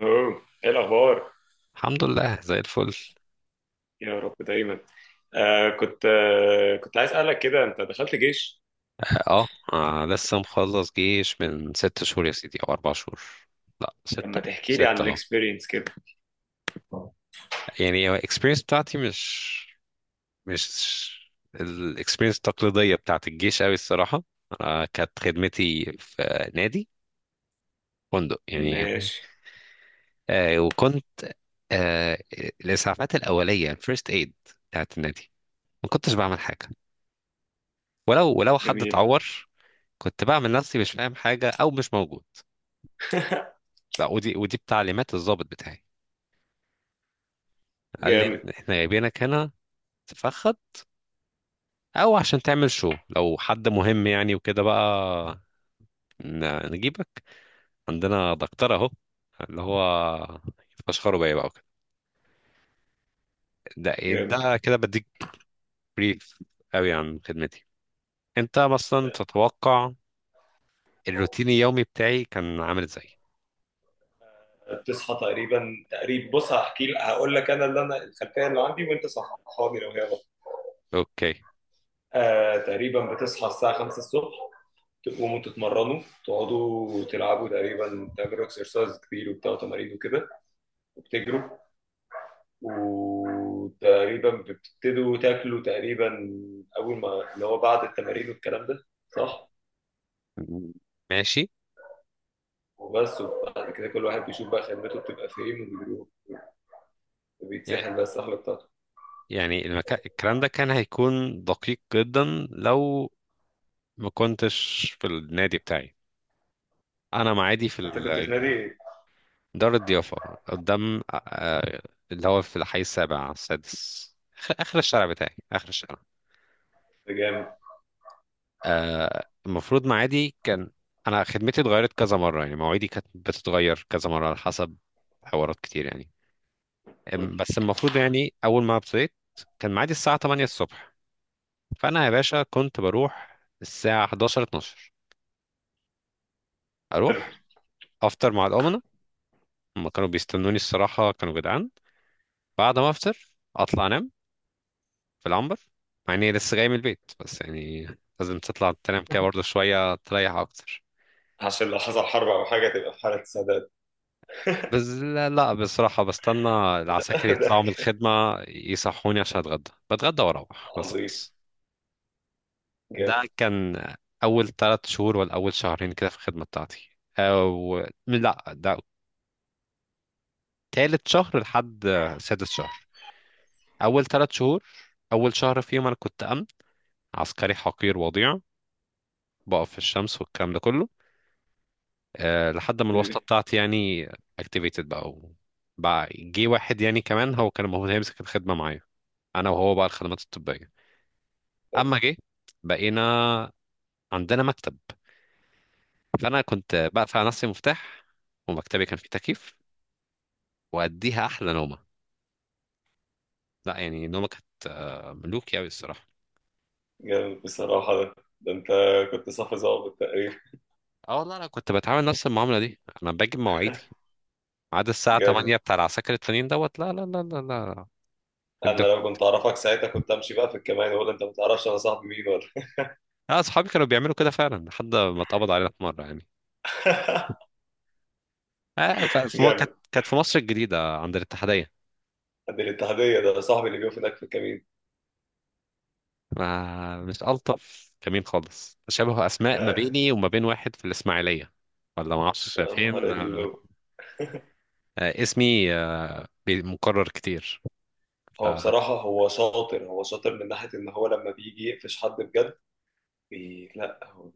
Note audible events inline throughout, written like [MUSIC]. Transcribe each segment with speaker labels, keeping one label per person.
Speaker 1: اوه، ايه الاخبار؟
Speaker 2: الحمد لله زي الفل.
Speaker 1: يا رب دايما. كنت عايز اسالك كده، انت دخلت جيش؟
Speaker 2: اه، لسه مخلص جيش من ست شهور يا سيدي او اربع شهور. لا،
Speaker 1: لما
Speaker 2: ستة
Speaker 1: تحكي لي عن
Speaker 2: ستة اه.
Speaker 1: الاكسبيرينس كده.
Speaker 2: يعني الاكسبيرينس بتاعتي مش الاكسبيرينس التقليدية بتاعت الجيش قوي الصراحة. انا كانت خدمتي في نادي، فندق يعني.
Speaker 1: ماشي.
Speaker 2: آه وكنت آه الاسعافات الاولية، الفيرست ايد بتاعت النادي. ما كنتش بعمل حاجة، ولو حد
Speaker 1: جميل.
Speaker 2: اتعور كنت بعمل نفسي مش فاهم حاجة او مش موجود.
Speaker 1: [LAUGHS]
Speaker 2: لا، ودي بتعليمات الضابط بتاعي، قال لي
Speaker 1: جامد.
Speaker 2: احنا جايبينك هنا تفخد او عشان تعمل شو لو حد مهم، يعني وكده بقى نجيبك، عندنا دكتور اهو اللي هو فشخره بيا بقى وكده. ده ايه
Speaker 1: جامد،
Speaker 2: ده؟ كده بديك بريف قوي عن خدمتي. انت مثلا تتوقع الروتين اليومي بتاعي كان عامل ازاي؟
Speaker 1: بتصحى تقريبا تقريبا، بص، هحكي لك هقول لك انا الخلفيه اللي عندي، وانت صححها لي لو هي غلط.
Speaker 2: اوكي،
Speaker 1: تقريبا بتصحى الساعه 5 الصبح. تقوموا تتمرنوا، تقعدوا تلعبوا، تقريبا تعملوا اكسرسايز كتير وبتاع تمارين وكده، وبتجروا، وتقريبا بتبتدوا تاكلوا تقريبا اول ما اللي هو بعد التمارين والكلام ده، صح؟
Speaker 2: ماشي.
Speaker 1: وبس. وبعد كده كل واحد بيشوف بقى خدمته بتبقى فين وبيروح،
Speaker 2: يعني
Speaker 1: وبيتسحل بقى السحله بتاعته.
Speaker 2: يعني المكان، الكلام ده كان هيكون دقيق جدا لو ما كنتش في النادي بتاعي. انا معادي في
Speaker 1: انت كنت في نادي إيه؟
Speaker 2: دار الضيافه، قدام اللي هو في الحي السابع على السادس، آخر الشارع بتاعي، اخر الشارع.
Speaker 1: ده جامد.
Speaker 2: آه، المفروض معادي كان، انا خدمتي اتغيرت كذا مره، يعني مواعيدي كانت بتتغير كذا مره على حسب حوارات كتير يعني.
Speaker 1: حلو.
Speaker 2: بس المفروض، يعني اول ما ابتديت، كان معادي الساعه 8 الصبح. فانا يا باشا كنت بروح الساعه 11 12،
Speaker 1: حلو،
Speaker 2: اروح افطر مع الامنه. هم كانوا بيستنوني، الصراحه كانوا جدعان. بعد ما افطر اطلع انام في العنبر، مع اني لسه جاي من البيت، بس يعني لازم تطلع تنام كده برضه شوية تريح أكتر.
Speaker 1: عشان لو حصل حرب او حاجه تبقى في حاله سداد.
Speaker 2: بس لا، لا بصراحة بستنى العساكر
Speaker 1: [LAUGHS] ده
Speaker 2: يطلعوا من الخدمة يصحوني عشان أتغدى، بتغدى وأروح بس
Speaker 1: عظيم.
Speaker 2: خلاص. ده
Speaker 1: جامد.
Speaker 2: كان أول تلات شهور ولا أول شهرين كده في الخدمة بتاعتي. أو لا، ده تالت شهر لحد سادس شهر. أول تلات شهور، أول شهر فيهم أنا كنت أمن، عسكري حقير وضيع، بقف في الشمس والكلام ده كله. آه، لحد ما الواسطة
Speaker 1: إيه.
Speaker 2: بتاعتي يعني activated بقى بقى جه واحد يعني كمان، هو كان المفروض هيمسك الخدمة معايا، أنا وهو بقى الخدمات الطبية. أما جه، بقينا عندنا مكتب، فأنا كنت بقفل على نفسي مفتاح، ومكتبي كان فيه تكييف، وأديها أحلى نومة. لا يعني نومة كانت آه، ملوكي أوي الصراحة.
Speaker 1: جامد بصراحه ده انت كنت صف ظابط تقريبا.
Speaker 2: اه والله، أنا كنت بتعامل نفس المعاملة دي، أنا باجي بمواعيدي عاد الساعة
Speaker 1: جامد.
Speaker 2: 8 بتاع العساكر التانيين دوت. لا لا لا لا لا.
Speaker 1: انا لو
Speaker 2: الدف-
Speaker 1: كنت اعرفك ساعتها كنت امشي بقى في الكمان، ولا انت ما تعرفش انا صاحبي مين ولا؟
Speaker 2: لا، أصحابي كانوا بيعملوا كده فعلا لحد ما اتقبض علينا في مرة يعني.
Speaker 1: [LAUGHS]
Speaker 2: كانت
Speaker 1: جامد.
Speaker 2: كانت في مصر الجديدة عند الاتحادية.
Speaker 1: ده الاتحادية، ده صاحبي اللي بيقف هناك في الكمين.
Speaker 2: ما مش ألطف كمين خالص، شبه أسماء ما
Speaker 1: [LAUGHS]
Speaker 2: بيني وما بين واحد في الإسماعيلية، ولا ما أعرفش
Speaker 1: يا نهار
Speaker 2: فين. آه
Speaker 1: اللو.
Speaker 2: آه، اسمي مكرر كتير. ف-
Speaker 1: هو بصراحة هو شاطر، هو شاطر من ناحية إن هو لما بيجي يقفش حد بجد. لا، هو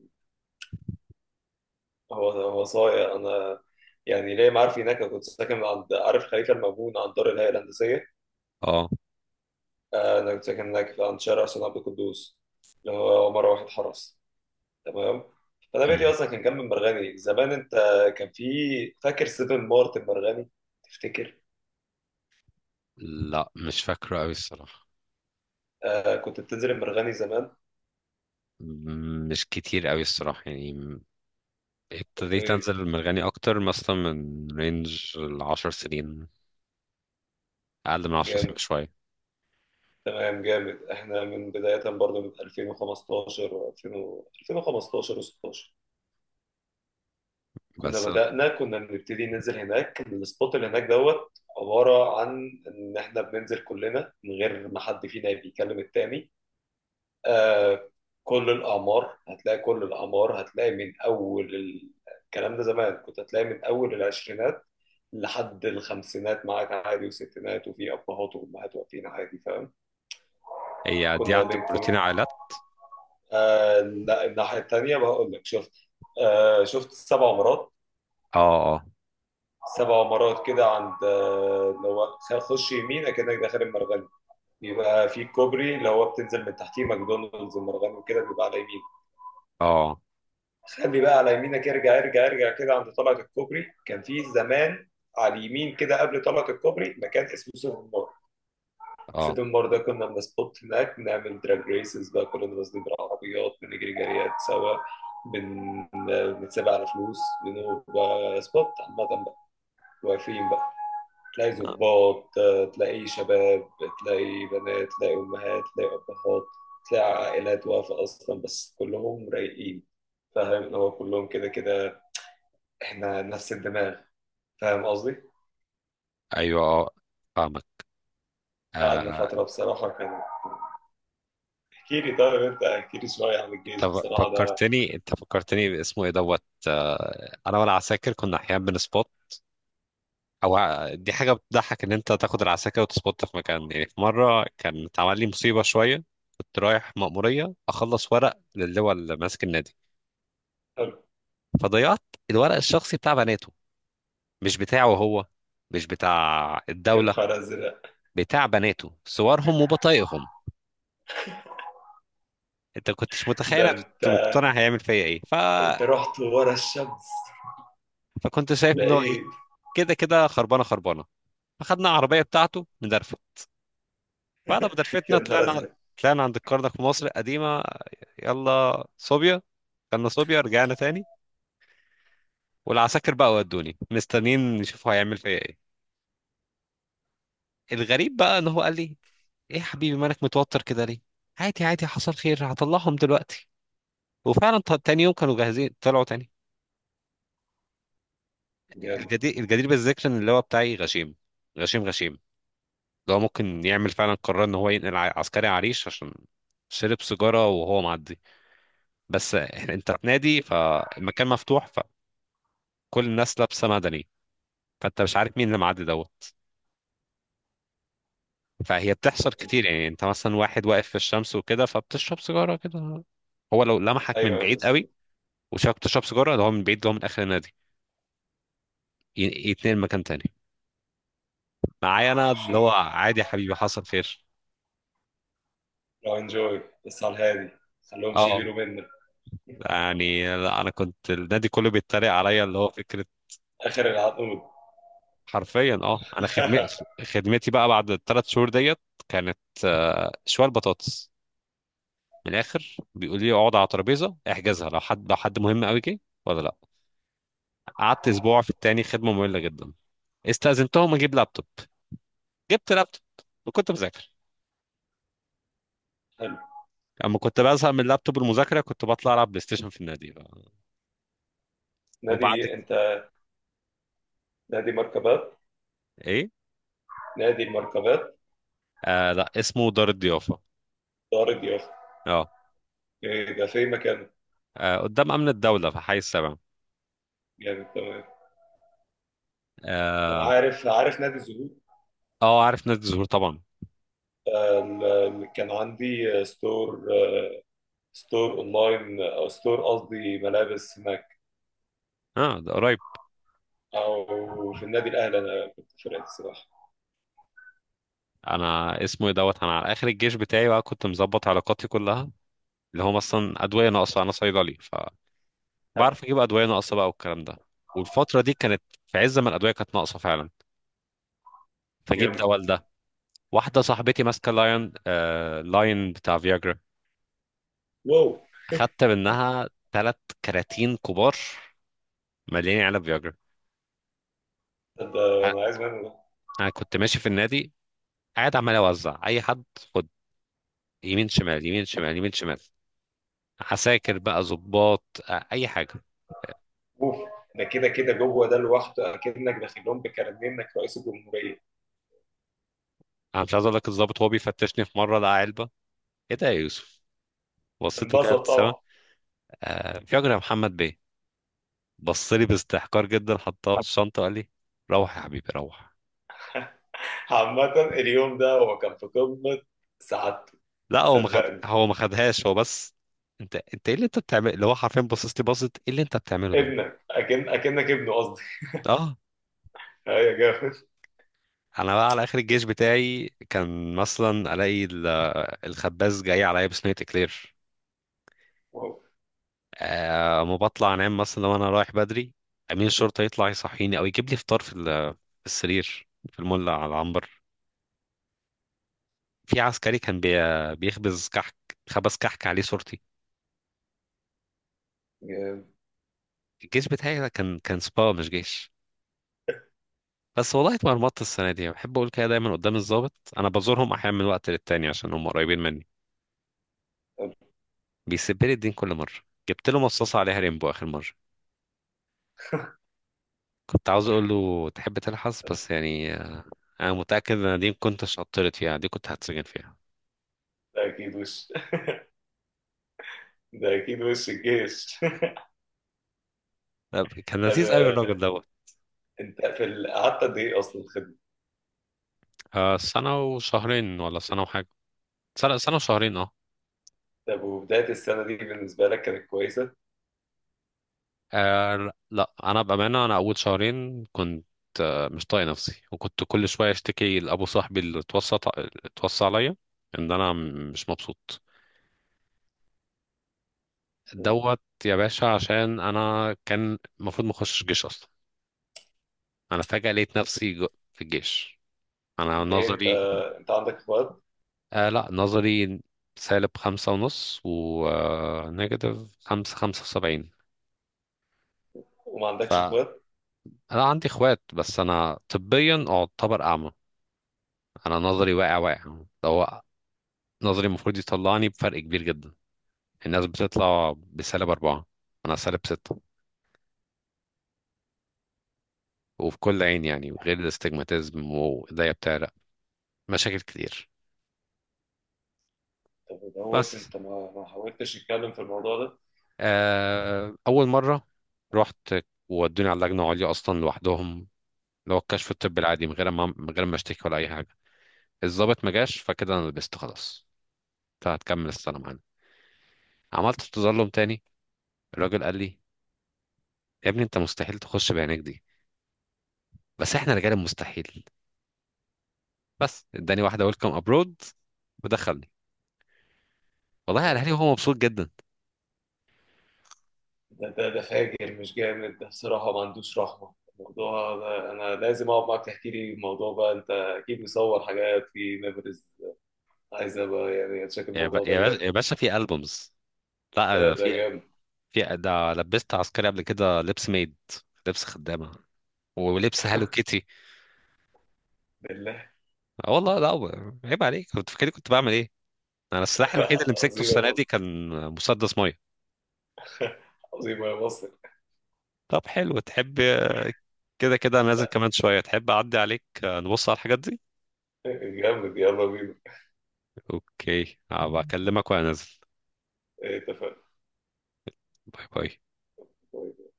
Speaker 1: هو هو صايع. أنا يعني ليه، ما عارف. هناك أنا كنت ساكن عند عارف خليفة المأمون، عند دار الهيئة الهندسية.
Speaker 2: اه.
Speaker 1: أنا كنت ساكن هناك عند شارع سيدنا عبد القدوس، اللي هو مرة واحد حرس. تمام. فأنا بيتي
Speaker 2: مم.
Speaker 1: أصلا كان جنب المرغني زمان، أنت كان في، فاكر سيفن مارت المرغني؟ تفتكر؟
Speaker 2: لا مش فاكره أوي الصراحة.
Speaker 1: كنت بتنزل المرغني زمان.
Speaker 2: مم، مش كتير أوي الصراحة يعني. ابتديت أنزل المرغني أكتر مثلا من رينج العشر سنين، أقل من عشر سنين
Speaker 1: جامد.
Speaker 2: بشوية.
Speaker 1: تمام. جامد، احنا من بداية برضه من 2015 2000 2015 و16 كنا
Speaker 2: بس لا،
Speaker 1: بدأنا كنا بنبتدي ننزل هناك. كان السبوت اللي هناك دوت عبارة عن ان احنا بننزل كلنا من غير ما حد فينا بيكلم التاني. آه كل الأعمار، هتلاقي كل الأعمار، هتلاقي من أول الكلام ده زمان، كنت هتلاقي من أول العشرينات لحد الخمسينات معاك عادي، وستينات، وفي أبهات وأمهات واقفين عادي، فاهم؟
Speaker 2: هي دي
Speaker 1: كنا
Speaker 2: عند
Speaker 1: بين،
Speaker 2: بروتين عائلات.
Speaker 1: لا، الناحية التانية، بقول لك، شفت؟ شفت سبع مرات.
Speaker 2: اه.
Speaker 1: سبع مرات كده عند، اللي هو خش يمين اكنك داخل المرغني. بيبقى في كوبري اللي هو بتنزل من تحتيه ماكدونالدز المرغني، وكده بيبقى على يمين.
Speaker 2: اه. اه
Speaker 1: خلي بقى على يمينك، ارجع ارجع ارجع كده، عند طلعة الكوبري كان في زمان على اليمين كده، قبل طلعة الكوبري، مكان اسمه سوبر ماركت
Speaker 2: اه.
Speaker 1: سيتم. برضه كنا بنسبوت هناك، بنعمل دراج ريسز بقى، كلنا نازلين بالعربيات، بنجري جريات سوا. بن... بنتسابق على فلوس، بنبقى سبوت عامة بقى، واقفين بقى. تلاقي ظباط، تلاقي شباب، تلاقي بنات، تلاقي أمهات، تلاقي أبهات، تلاقي عائلات واقفة أصلا، بس كلهم رايقين، فاهم؟ اللي هو كلهم كده كده، إحنا نفس الدماغ، فاهم قصدي؟
Speaker 2: ايوه، اه، فاهمك.
Speaker 1: قعدنا
Speaker 2: آه،
Speaker 1: فترة بصراحة. كان، احكي لي طيب أنت احكي لي شوية عن الجيش
Speaker 2: انت
Speaker 1: بصراحة ده.
Speaker 2: فكرتني، انت فكرتني باسمه ايه دوت. آه، انا وانا عساكر كنا احيانا بنسبوت. او دي حاجه بتضحك، ان انت تاخد العساكر وتسبوت في مكان. يعني في مره كان اتعمل لي مصيبه شويه. كنت رايح مأموريه اخلص ورق للواء اللي ماسك النادي، فضيعت الورق الشخصي بتاع بناته، مش بتاعه هو، مش بتاع
Speaker 1: يا
Speaker 2: الدوله،
Speaker 1: نهار ازرق.
Speaker 2: بتاع بناته، صورهم وبطايقهم. انت كنتش متخيل
Speaker 1: ده
Speaker 2: انا
Speaker 1: انت
Speaker 2: كنت مقتنع هيعمل فيا ايه.
Speaker 1: انت رحت ورا الشمس.
Speaker 2: فكنت شايف
Speaker 1: ده
Speaker 2: ان هو ايه،
Speaker 1: ايه؟
Speaker 2: كده كده خربانه، خربانه، فخدنا العربيه بتاعته ندرفه. بعد ما درفتنا
Speaker 1: يا نهار
Speaker 2: طلعنا،
Speaker 1: ازرق.
Speaker 2: طلعنا عند الكرنك في مصر القديمه، يلا صوبيا، كنا صوبيا رجعنا تاني. والعساكر بقى ودوني مستنيين يشوفوا هيعمل فيا ايه. الغريب بقى ان هو قال لي: ايه يا حبيبي مالك متوتر كده ليه؟ عادي عادي، حصل خير، هطلعهم دلوقتي. وفعلا تاني يوم كانوا جاهزين، طلعوا تاني.
Speaker 1: جامد.
Speaker 2: الجدير بالذكر ان اللواء بتاعي غشيم، غشيم غشيم. لو ممكن يعمل فعلا قرار ان هو ينقل عسكري عريش عشان شرب سيجاره وهو معدي. بس انت في نادي، فالمكان مفتوح، فكل الناس لابسه مدني، فانت مش عارف مين اللي معدي دوت. فهي بتحصل
Speaker 1: جامد.
Speaker 2: كتير، يعني انت مثلا واحد واقف في الشمس وكده فبتشرب سيجاره كده. هو لو لمحك من
Speaker 1: ايوه
Speaker 2: بعيد
Speaker 1: بس.
Speaker 2: قوي وشافك بتشرب سيجاره، ده هو من بعيد، ده هو من اخر النادي، يتنقل مكان تاني معايا، انا اللي
Speaker 1: شيت.
Speaker 2: هو عادي يا حبيبي، حصل خير.
Speaker 1: لو انجوي بس على الهادي، خليهمش
Speaker 2: اه.
Speaker 1: يغيروا منك.
Speaker 2: يعني لا، انا كنت النادي كله بيتريق عليا، اللي هو فكره.
Speaker 1: اخر العقود.
Speaker 2: حرفيا اه، انا خدمتي
Speaker 1: [LAUGHS]
Speaker 2: خدمتي بقى بعد ال3 شهور ديت كانت آه، شوال بطاطس. من الاخر بيقول لي اقعد على ترابيزه، احجزها لو حد، لو حد مهم قوي جه. ولا لا، قعدت اسبوع في التاني، خدمه ممله جدا. استأذنتهم اجيب لابتوب، جبت لابتوب وكنت بذاكر.
Speaker 1: حلو.
Speaker 2: اما كنت بزهق من اللابتوب، المذاكره، كنت بطلع العب بلاي ستيشن في النادي بقى. وبعد ك-
Speaker 1: نادي انت؟ نادي مركبات؟
Speaker 2: ايه؟
Speaker 1: نادي المركبات.
Speaker 2: آه لا، اسمه دار الضيافه.
Speaker 1: دار اليافا.
Speaker 2: اه،
Speaker 1: إيه ده، في مكانه؟
Speaker 2: آه، قدام امن الدوله في حي السبع.
Speaker 1: جامد. تمام. انا
Speaker 2: اه،
Speaker 1: عارف، عارف نادي الزهور.
Speaker 2: آه، عارف نادي الزهور طبعا.
Speaker 1: كان عندي ستور ستور اونلاين، او ستور قصدي ملابس هناك،
Speaker 2: اه ده قريب.
Speaker 1: او في النادي الاهلي انا كنت في فرقه السباحه.
Speaker 2: انا اسمه ايه دوت، انا على اخر الجيش بتاعي بقى كنت مظبط علاقاتي كلها، اللي هم اصلا ادويه ناقصه. انا صيدلي،
Speaker 1: حد.
Speaker 2: فبعرف اجيب ادويه ناقصه بقى والكلام ده. والفتره دي كانت في عز ما الادويه كانت ناقصه فعلا، فجيب
Speaker 1: جامد.
Speaker 2: دواء لده. واحده صاحبتي ماسكه لاين، آه لاين بتاع فياجرا،
Speaker 1: واو.
Speaker 2: اخدت منها 3 كراتين كبار مليانين علب فياجرا.
Speaker 1: طب
Speaker 2: أ-
Speaker 1: ده، انا عايز منه ده.
Speaker 2: انا كنت ماشي في النادي قاعد عمال اوزع اي حد: خد. يمين شمال، يمين شمال، يمين شمال. عساكر بقى، ظباط، آه، اي حاجه.
Speaker 1: اوف. ده كده كده جوه ده لوحده اكنك داخل لهم بكارنيه انك رئيس الجمهوريه.
Speaker 2: انا مش عايز اقول لك، الضابط وهو بيفتشني في مره لقى علبه: ايه ده يا يوسف؟ بصيت له كده
Speaker 1: انبسط
Speaker 2: بابتسامه:
Speaker 1: طبعا.
Speaker 2: آه في اجر يا محمد بيه. بص لي باستحقار جدا، حطها في الشنطه وقال لي: روح يا حبيبي روح.
Speaker 1: عامة اليوم ده هو كان في قمة سعادته،
Speaker 2: لا هو ما خد،
Speaker 1: صدقني.
Speaker 2: هو ما خدهاش، هو بس انت ايه اللي انت بتعمله، اللي هو حرفيا بصص لي بصت: ايه اللي انت بتعمله ده؟
Speaker 1: ابنك، أكنك ابنه قصدي.
Speaker 2: اه.
Speaker 1: أيوة يا جامد.
Speaker 2: انا بقى على اخر الجيش بتاعي كان مثلا الاقي الخباز جاي عليا بصينيه اكلير.
Speaker 1: واو.
Speaker 2: آه، ما بطلع انام مثلا، لو انا رايح بدري امين الشرطه يطلع يصحيني او يجيب لي فطار في في السرير في المولع على العنبر. في عسكري كان بيخبز كحك، خبز كحك عليه صورتي.
Speaker 1: جامد.
Speaker 2: الجيش بتاعي ده كان سبا مش جيش. بس والله اتمرمطت السنة دي. بحب أقول كده دايما قدام الضابط. أنا بزورهم أحيانا من وقت للتاني، عشان هم قريبين مني،
Speaker 1: طب
Speaker 2: بيسيب لي الدين كل مرة. جبت له مصاصة عليها ريمبو آخر مرة، كنت عاوز أقول له تحب تلحس، بس يعني أنا متأكد إن دي ما كنتش عطلت فيها، دي كنت هتسجن فيها.
Speaker 1: ده أكيد وش، ده أكيد وش الجيش.
Speaker 2: لا، كان
Speaker 1: [LAUGHS] طب،
Speaker 2: لذيذ أوي الراجل دوت.
Speaker 1: أنت قعدت قد إيه أصلا خدمة؟
Speaker 2: آه، سنة وشهرين ولا سنة وحاجة. سنة، سنة وشهرين اه.
Speaker 1: طب وبداية السنة دي بالنسبة لك كانت كويسة؟
Speaker 2: آه لا، انا بامانه انا اول شهرين كنت آه مش طايق نفسي، وكنت كل شويه اشتكي لابو صاحبي اللي اتوصى، اتوصى عليا ان انا مش مبسوط دوت يا باشا، عشان انا كان المفروض ما اخشش جيش اصلا. انا فجاه لقيت نفسي في الجيش. انا
Speaker 1: ليه انت
Speaker 2: نظري،
Speaker 1: انت عندك اخوات؟
Speaker 2: آه لا نظري سالب 5 ونص، ونيجاتيف 5.75.
Speaker 1: وما عندكش
Speaker 2: فأنا
Speaker 1: اخوات.
Speaker 2: عندي إخوات، بس أنا طبيا أعتبر أعمى. أنا نظري واقع، واقع. لو نظري المفروض يطلعني بفرق كبير جدا. الناس بتطلع بسالب أربعة، أنا سالب ستة، وفي كل عين، يعني غير الاستجماتيزم وإيديا بتعرق، مشاكل كتير.
Speaker 1: طب دوت،
Speaker 2: بس
Speaker 1: انت ما حاولتش تتكلم في الموضوع ده؟
Speaker 2: آه، أول مرة رحت، وودوني على اللجنة العليا أصلا لوحدهم، اللي هو الكشف الطبي العادي، من غير ما اشتكي ولا أي حاجة. الضابط ما جاش، فكده أنا لبست خلاص، فهتكمل السنة معانا. عملت تظلم تاني، الراجل قال لي: يا ابني أنت مستحيل تخش بعينيك دي، بس احنا رجال المستحيل. بس اداني واحده ويلكم ابرود ودخلني. والله قالها
Speaker 1: يعني
Speaker 2: لي وهو مبسوط جدا.
Speaker 1: ده فاجر، مش جامد ده بصراحة، ما عندوش رحمة الموضوع ده. انا لازم اقعد معاك تحكي لي الموضوع بقى، انت اكيد مصور حاجات في ميموريز، عايز ابقى يعني اتشك الموضوع ده
Speaker 2: يا باشا،
Speaker 1: جامد.
Speaker 2: يا باشا في البومز.
Speaker 1: ده
Speaker 2: لا
Speaker 1: ده
Speaker 2: في،
Speaker 1: جامد.
Speaker 2: في ده لبست عسكري قبل كده، لبس ميد، لبس خدامه، ولبس هالو كيتي.
Speaker 1: بالله.
Speaker 2: آه والله، لا عيب عليك، كنت فاكر كنت بعمل ايه؟ انا السلاح الوحيد اللي
Speaker 1: [LAUGHS]
Speaker 2: مسكته
Speaker 1: عظيم يا
Speaker 2: السنه دي
Speaker 1: مصر.
Speaker 2: كان مسدس ميه.
Speaker 1: [LAUGHS] عظيم يا مصر.
Speaker 2: طب حلو، تحب كده كده أنا نازل كمان شويه، تحب اعدي عليك آه، نبص على الحاجات دي؟
Speaker 1: [LAUGHS] جامد. يلا بينا.
Speaker 2: اوكي، هبقى اكلمك وانا نازل.
Speaker 1: اتفقنا.
Speaker 2: باي باي.
Speaker 1: طيب.